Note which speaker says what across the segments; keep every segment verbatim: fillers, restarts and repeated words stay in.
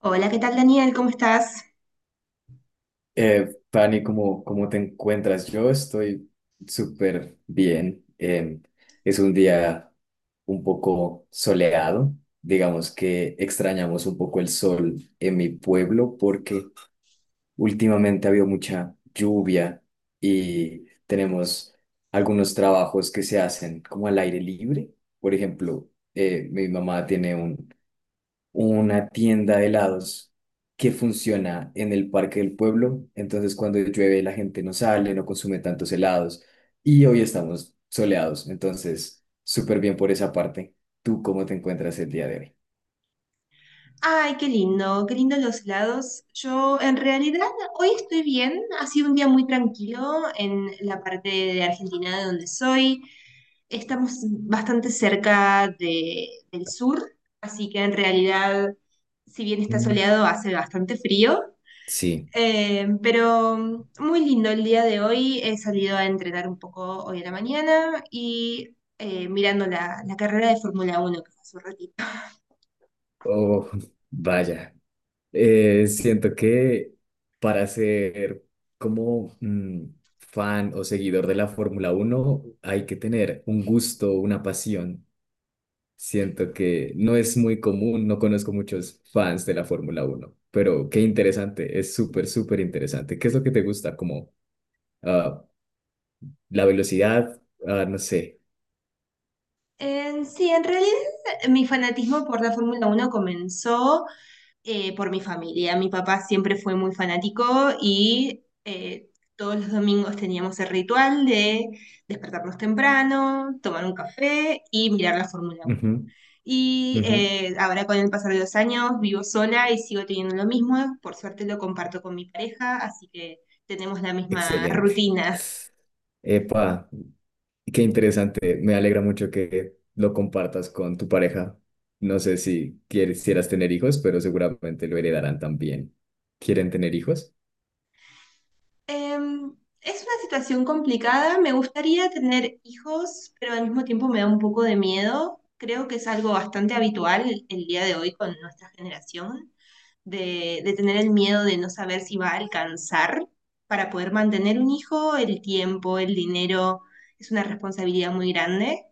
Speaker 1: Hola, ¿qué tal Daniel? ¿Cómo estás?
Speaker 2: Eh, Fanny, ¿cómo, cómo te encuentras? Yo estoy súper bien. Eh, es un día un poco soleado. Digamos que extrañamos un poco el sol en mi pueblo porque últimamente ha habido mucha lluvia y tenemos algunos trabajos que se hacen como al aire libre. Por ejemplo, eh, mi mamá tiene un una tienda de helados que funciona en el Parque del Pueblo. Entonces, cuando llueve, la gente no sale, no consume tantos helados. Y hoy estamos soleados. Entonces, súper bien por esa parte. ¿Tú cómo te encuentras el día de hoy?
Speaker 1: Ay, qué lindo, qué lindo los helados. Yo en realidad hoy estoy bien, ha sido un día muy tranquilo en la parte de Argentina de donde soy. Estamos bastante cerca de- del sur, así que en realidad, si bien está
Speaker 2: Mm.
Speaker 1: soleado, hace bastante frío.
Speaker 2: Sí.
Speaker 1: Eh, pero muy lindo el día de hoy. He salido a entrenar un poco hoy a la mañana y eh, mirando la, la carrera de Fórmula Uno que fue hace un ratito.
Speaker 2: Oh, vaya. Eh, siento que para ser como mm, fan o seguidor de la Fórmula Uno hay que tener un gusto, una pasión. Siento que no es muy común, no conozco muchos fans de la Fórmula Uno, pero qué interesante, es súper, súper interesante. ¿Qué es lo que te gusta? Como ah, la velocidad, ah, no sé.
Speaker 1: Eh, sí, en realidad mi fanatismo por la Fórmula Uno comenzó eh, por mi familia. Mi papá siempre fue muy fanático y eh, todos los domingos teníamos el ritual de despertarnos temprano, tomar un café y mirar la Fórmula Uno.
Speaker 2: Ujú.
Speaker 1: Y
Speaker 2: Ujú.
Speaker 1: eh, ahora con el pasar de los años vivo sola y sigo teniendo lo mismo. Por suerte lo comparto con mi pareja, así que tenemos la misma
Speaker 2: Excelente.
Speaker 1: rutina.
Speaker 2: Epa, qué interesante. Me alegra mucho que lo compartas con tu pareja. No sé si quisieras tener hijos, pero seguramente lo heredarán también. ¿Quieren tener hijos?
Speaker 1: Em, es una situación complicada. Me gustaría tener hijos, pero al mismo tiempo me da un poco de miedo. Creo que es algo bastante habitual el día de hoy con nuestra generación, de, de tener el miedo de no saber si va a alcanzar para poder mantener un hijo, el tiempo, el dinero. Es una responsabilidad muy grande,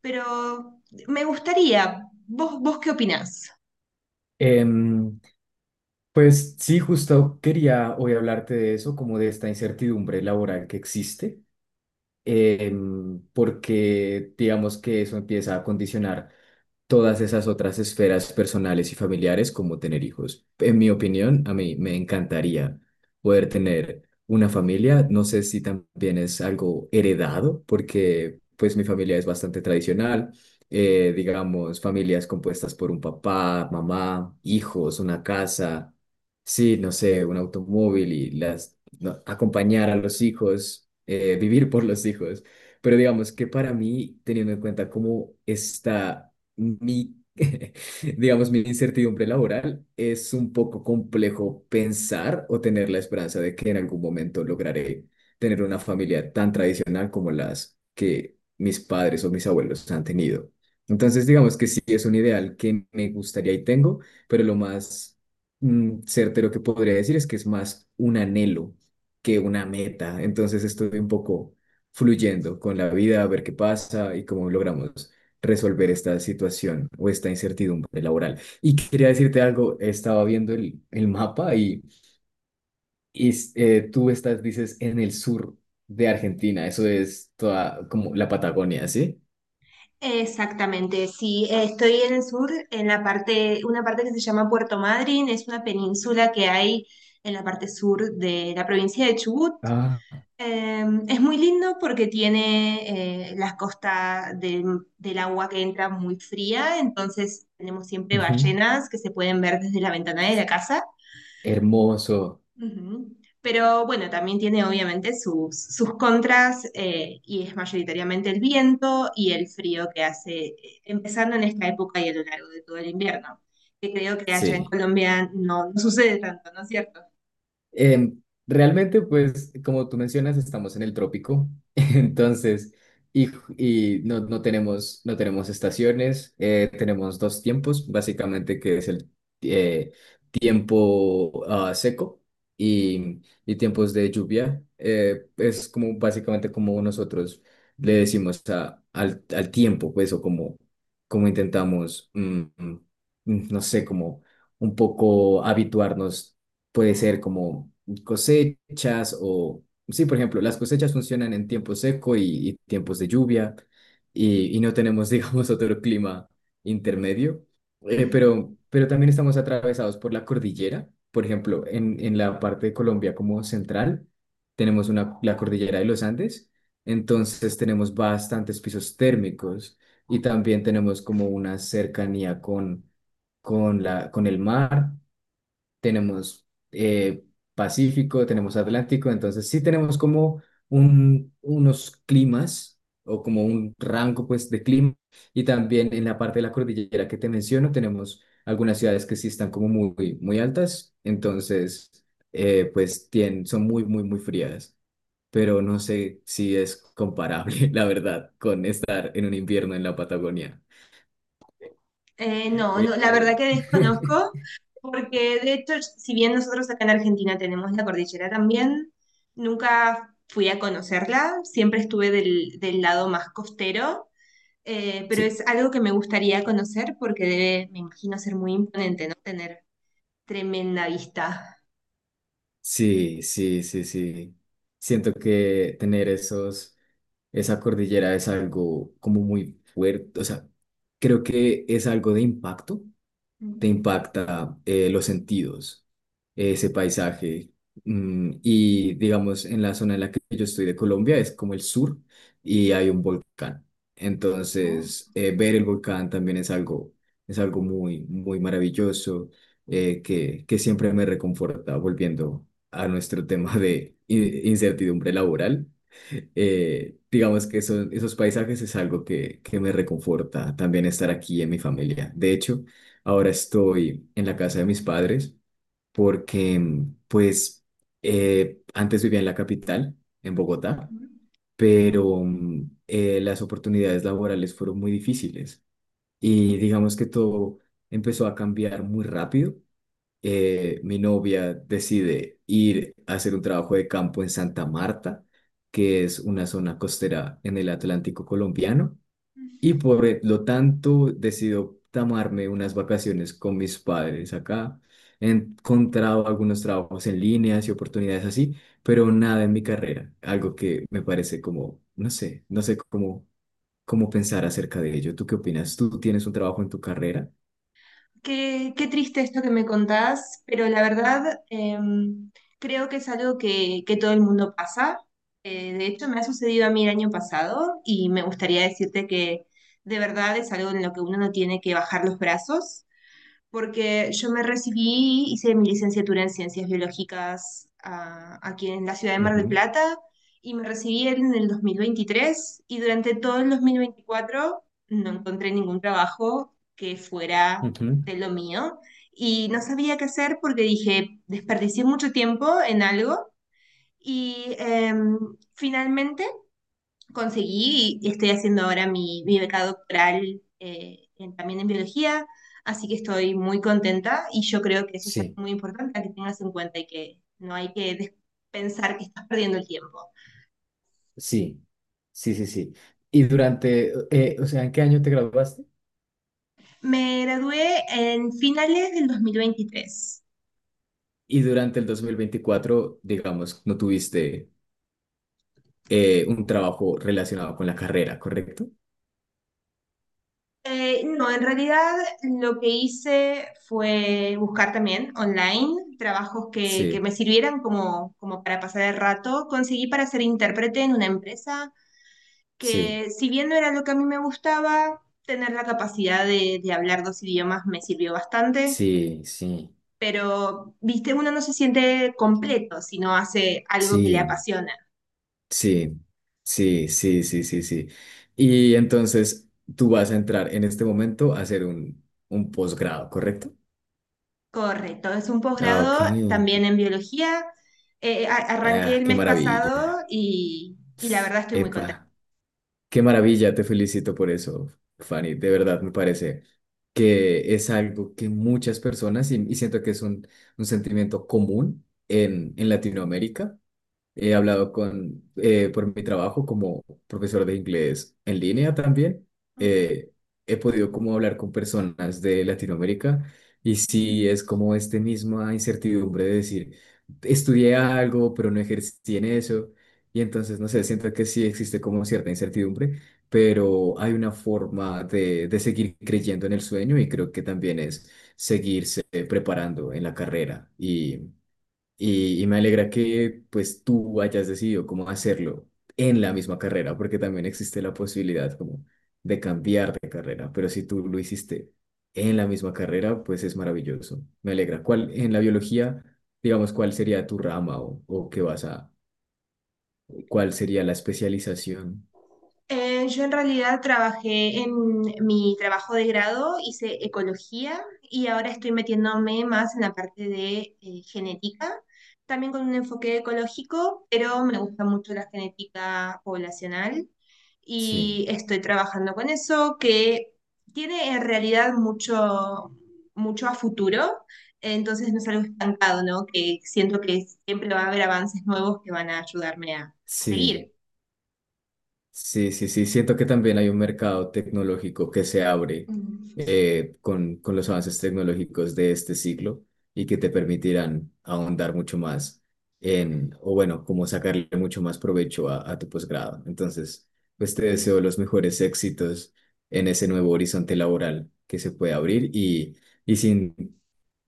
Speaker 1: pero me gustaría. ¿Vos, vos qué opinás?
Speaker 2: Em, Pues sí, justo quería hoy hablarte de eso, como de esta incertidumbre laboral que existe, em, porque digamos que eso empieza a condicionar todas esas otras esferas personales y familiares como tener hijos. En mi opinión, a mí me encantaría poder tener una familia. No sé si también es algo heredado, porque pues mi familia es bastante tradicional. Eh, digamos, familias compuestas por un papá, mamá, hijos, una casa, sí, no sé, un automóvil y las no, acompañar a los hijos, eh, vivir por los hijos. Pero digamos que para mí, teniendo en cuenta cómo está mi, digamos, mi incertidumbre laboral es un poco complejo pensar o tener la esperanza de que en algún momento lograré tener una familia tan tradicional como las que mis padres o mis abuelos han tenido. Entonces, digamos que sí es un ideal que me gustaría y tengo, pero lo más mm, certero que podría decir es que es más un anhelo que una meta. Entonces, estoy un poco fluyendo con la vida, a ver qué pasa y cómo logramos resolver esta situación o esta incertidumbre laboral. Y quería decirte algo, estaba viendo el, el mapa y, y, eh, tú estás, dices, en el sur de Argentina, eso es toda como la Patagonia, ¿sí?
Speaker 1: Exactamente, sí, eh, estoy en el sur, en la parte, una parte que se llama Puerto Madryn, es una península que hay en la parte sur de la provincia de Chubut.
Speaker 2: Ah,
Speaker 1: Eh, es muy lindo porque tiene eh, las costas del del agua que entra muy fría, entonces tenemos siempre
Speaker 2: ujú.
Speaker 1: ballenas que se pueden ver desde la ventana de la casa.
Speaker 2: Hermoso,
Speaker 1: Ujú. Pero bueno, también tiene obviamente sus, sus contras eh, y es mayoritariamente el viento y el frío que hace, eh, empezando en esta época y a lo largo de todo el invierno, que creo que allá en
Speaker 2: sí.
Speaker 1: Colombia no, no sucede tanto, ¿no es cierto?
Speaker 2: Eh, Realmente, pues, como tú mencionas, estamos en el trópico, entonces, y, y no, no tenemos, no tenemos estaciones, eh, tenemos dos tiempos, básicamente, que es el eh, tiempo ah, seco y, y tiempos de lluvia. Eh, es como, básicamente, como nosotros le decimos a- al, al tiempo, pues, o como, como intentamos, mm, mm, no sé, como un poco habituarnos. Puede ser como cosechas o, sí, por ejemplo, las cosechas funcionan en tiempo seco y, y tiempos de lluvia y, y no tenemos, digamos, otro clima intermedio. Eh, pero, pero también estamos atravesados por la cordillera. Por ejemplo, en, en la parte de Colombia como central, tenemos una, la cordillera de los Andes, entonces tenemos bastantes pisos térmicos y también tenemos como una cercanía con, con la, con el mar. Tenemos eh, Pacífico, tenemos Atlántico, entonces sí tenemos como un, unos climas o como un rango pues de clima, y también en la parte de la cordillera que te menciono tenemos algunas ciudades que sí están como muy, muy altas, entonces eh, pues tien- son muy, muy, muy frías, pero no sé si es comparable, la verdad, con estar en un invierno en la Patagonia.
Speaker 1: Eh, no, no, la verdad
Speaker 2: Eh,
Speaker 1: que desconozco, porque de hecho, si bien nosotros acá en Argentina tenemos la cordillera también, nunca fui a conocerla, siempre estuve del, del lado más costero. Eh, pero
Speaker 2: sí.
Speaker 1: es algo que me gustaría conocer porque debe, me imagino, ser muy imponente, ¿no? Tener tremenda vista.
Speaker 2: Sí, sí, sí, sí. Siento que tener esos, esa cordillera es algo como muy fuerte, o sea, creo que es algo de impacto. Te
Speaker 1: Mm.
Speaker 2: impacta eh, los sentidos, ese paisaje. Mm, y digamos, en la zona en la que yo estoy de Colombia es como el sur y hay un volcán.
Speaker 1: Oh.
Speaker 2: Entonces, eh, ver el volcán también es algo, es algo muy, muy maravilloso, eh, que, que siempre me reconforta, volviendo a nuestro tema de in- incertidumbre laboral. Eh, digamos que son, esos paisajes es algo que, que me reconforta también estar aquí en mi familia. De hecho, ahora estoy en la casa de mis padres porque, mm, pues, eh, antes vivía en la capital, en Bogotá,
Speaker 1: Ujú.
Speaker 2: pero mm, eh, las oportunidades laborales fueron muy difíciles y digamos que todo empezó a cambiar muy rápido. Eh, mi novia decide ir a hacer un trabajo de campo en Santa Marta, que es una zona costera en el Atlántico colombiano, y por e- lo tanto decido tomarme unas vacaciones con mis padres acá. He encontrado algunos trabajos en líneas y oportunidades así, pero nada en mi carrera, algo que me parece como, no sé, no sé cómo, cómo pensar acerca de ello. ¿Tú qué opinas? ¿Tú tienes un trabajo en tu carrera?
Speaker 1: Qué, qué triste esto que me contás, pero la verdad em, creo que es algo que, que todo el mundo pasa. Eh, de hecho, me ha sucedido a mí el año pasado y me gustaría decirte que de verdad es algo en lo que uno no tiene que bajar los brazos porque yo me recibí, hice mi licenciatura en Ciencias Biológicas, ah, aquí en la ciudad de Mar del
Speaker 2: Ujú.
Speaker 1: Plata y me recibí en el dos mil veintitrés y durante todo el dos mil veinticuatro no encontré ningún trabajo que fuera
Speaker 2: Ujú.
Speaker 1: de lo mío y no sabía qué hacer porque dije, desperdicié mucho tiempo en algo y em, finalmente conseguí y estoy haciendo ahora mi, mi beca doctoral eh, en- también en biología, así que estoy muy contenta y yo creo que eso es algo
Speaker 2: Sí.
Speaker 1: muy importante a que tengas en cuenta y que no hay que des- pensar que estás perdiendo el tiempo.
Speaker 2: Sí, sí, sí, sí. Y durante, eh, o sea, ¿en qué año te graduaste?
Speaker 1: Me gradué en finales del dos mil veintitrés.
Speaker 2: Y durante el dos mil veinticuatro, digamos, no tuviste eh, un trabajo relacionado con la carrera, ¿correcto?
Speaker 1: Eh, no, en realidad lo que hice fue buscar también online trabajos que, que
Speaker 2: Sí,
Speaker 1: me sirvieran como, como para pasar el rato. Conseguí para ser intérprete en una empresa
Speaker 2: sí,
Speaker 1: que si bien no era lo que a mí me gustaba, tener la capacidad de, de hablar dos idiomas me sirvió bastante,
Speaker 2: sí, sí,
Speaker 1: pero, viste, uno no se siente completo si no hace algo que le
Speaker 2: sí,
Speaker 1: apasiona.
Speaker 2: sí, sí, sí, sí, sí, sí. Y entonces tú vas a entrar en este momento a hacer un, un posgrado, ¿correcto?
Speaker 1: Correcto, es un
Speaker 2: Ah, ok.
Speaker 1: posgrado también en biología. Eh, eh, a- arranqué
Speaker 2: Ah,
Speaker 1: el
Speaker 2: qué
Speaker 1: mes
Speaker 2: maravilla.
Speaker 1: pasado y, y la verdad estoy muy contenta.
Speaker 2: Epa. Qué maravilla, te felicito por eso, Fanny. De verdad, me parece que es algo que muchas personas, y, y siento que es un, un sentimiento común en, en Latinoamérica. He hablado con, eh, por mi trabajo como profesor de inglés en línea también, eh, he podido como hablar con personas de Latinoamérica y sí es como esta misma incertidumbre de decir, estudié algo, pero no ejercí en eso. Y entonces, no sé, siento que sí existe como cierta incertidumbre, pero hay una forma de, de seguir creyendo en el sueño y creo que también es seguirse preparando en la carrera, y, y me alegra que pues tú hayas decidido cómo hacerlo en la misma carrera, porque también existe la posibilidad como de cambiar de carrera, pero si tú lo hiciste en la misma carrera, pues es maravilloso. Me alegra. ¿Cuál en la biología, digamos, cuál sería tu rama o, o qué vas a, cuál sería la especialización?
Speaker 1: Eh, yo en realidad trabajé en mi trabajo de grado, hice ecología y ahora estoy metiéndome más en la parte de eh, genética, también con un enfoque ecológico, pero me gusta mucho la genética poblacional y
Speaker 2: Sí,
Speaker 1: estoy trabajando con eso que tiene en realidad mucho, mucho a futuro, entonces no es algo estancado, ¿no? Que siento que siempre va a haber avances nuevos que van a ayudarme a, a
Speaker 2: sí.
Speaker 1: seguir.
Speaker 2: Sí, sí, sí, siento que también hay un mercado tecnológico que se abre
Speaker 1: Mm, sí.
Speaker 2: eh, con, con los avances tecnológicos de este siglo y que te permitirán ahondar mucho más en, o bueno, como sacarle mucho más provecho a, a tu posgrado. Entonces, pues te deseo los mejores éxitos en ese nuevo horizonte laboral que se puede abrir, y, y sin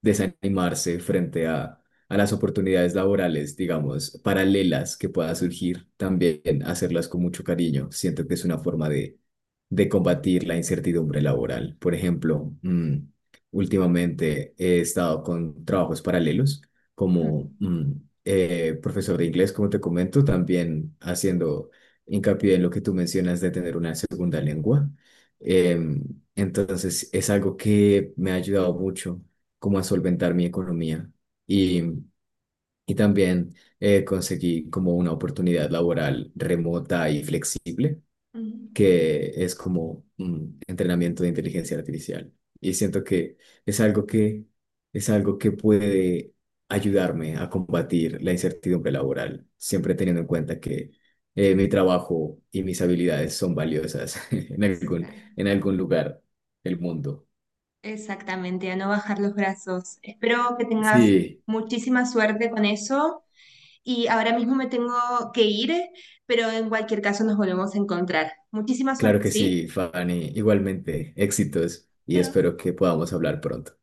Speaker 2: desanimarse frente a, a las oportunidades laborales, digamos, paralelas que puedan surgir, también hacerlas con mucho cariño. Siento que es una forma de, de combatir la incertidumbre laboral. Por ejemplo, mm, últimamente he estado con trabajos paralelos como
Speaker 1: Mm.
Speaker 2: mm, eh, profesor de inglés, como te comento, también haciendo hincapié en lo que tú mencionas de tener una segunda lengua. Em, entonces, es algo que me ha ayudado mucho como a solventar mi economía. Y y también eh, conseguí como una oportunidad laboral remota y flexible,
Speaker 1: Mm,
Speaker 2: que es como un entrenamiento de inteligencia artificial. Y siento que es algo que, es algo que puede ayudarme a combatir la incertidumbre laboral, siempre teniendo en cuenta que eh, mi trabajo y mis habilidades son valiosas en algún,
Speaker 1: exa-
Speaker 2: en algún lugar del mundo.
Speaker 1: exactamente, a no bajar los brazos. Espero que tengas
Speaker 2: Sí,
Speaker 1: muchísima suerte con eso y ahora mismo me tengo que ir, pero en cualquier caso nos volvemos a encontrar. Muchísima
Speaker 2: claro
Speaker 1: suerte,
Speaker 2: que
Speaker 1: ¿sí?
Speaker 2: sí, Fanny. Igualmente, éxitos y espero que podamos hablar pronto.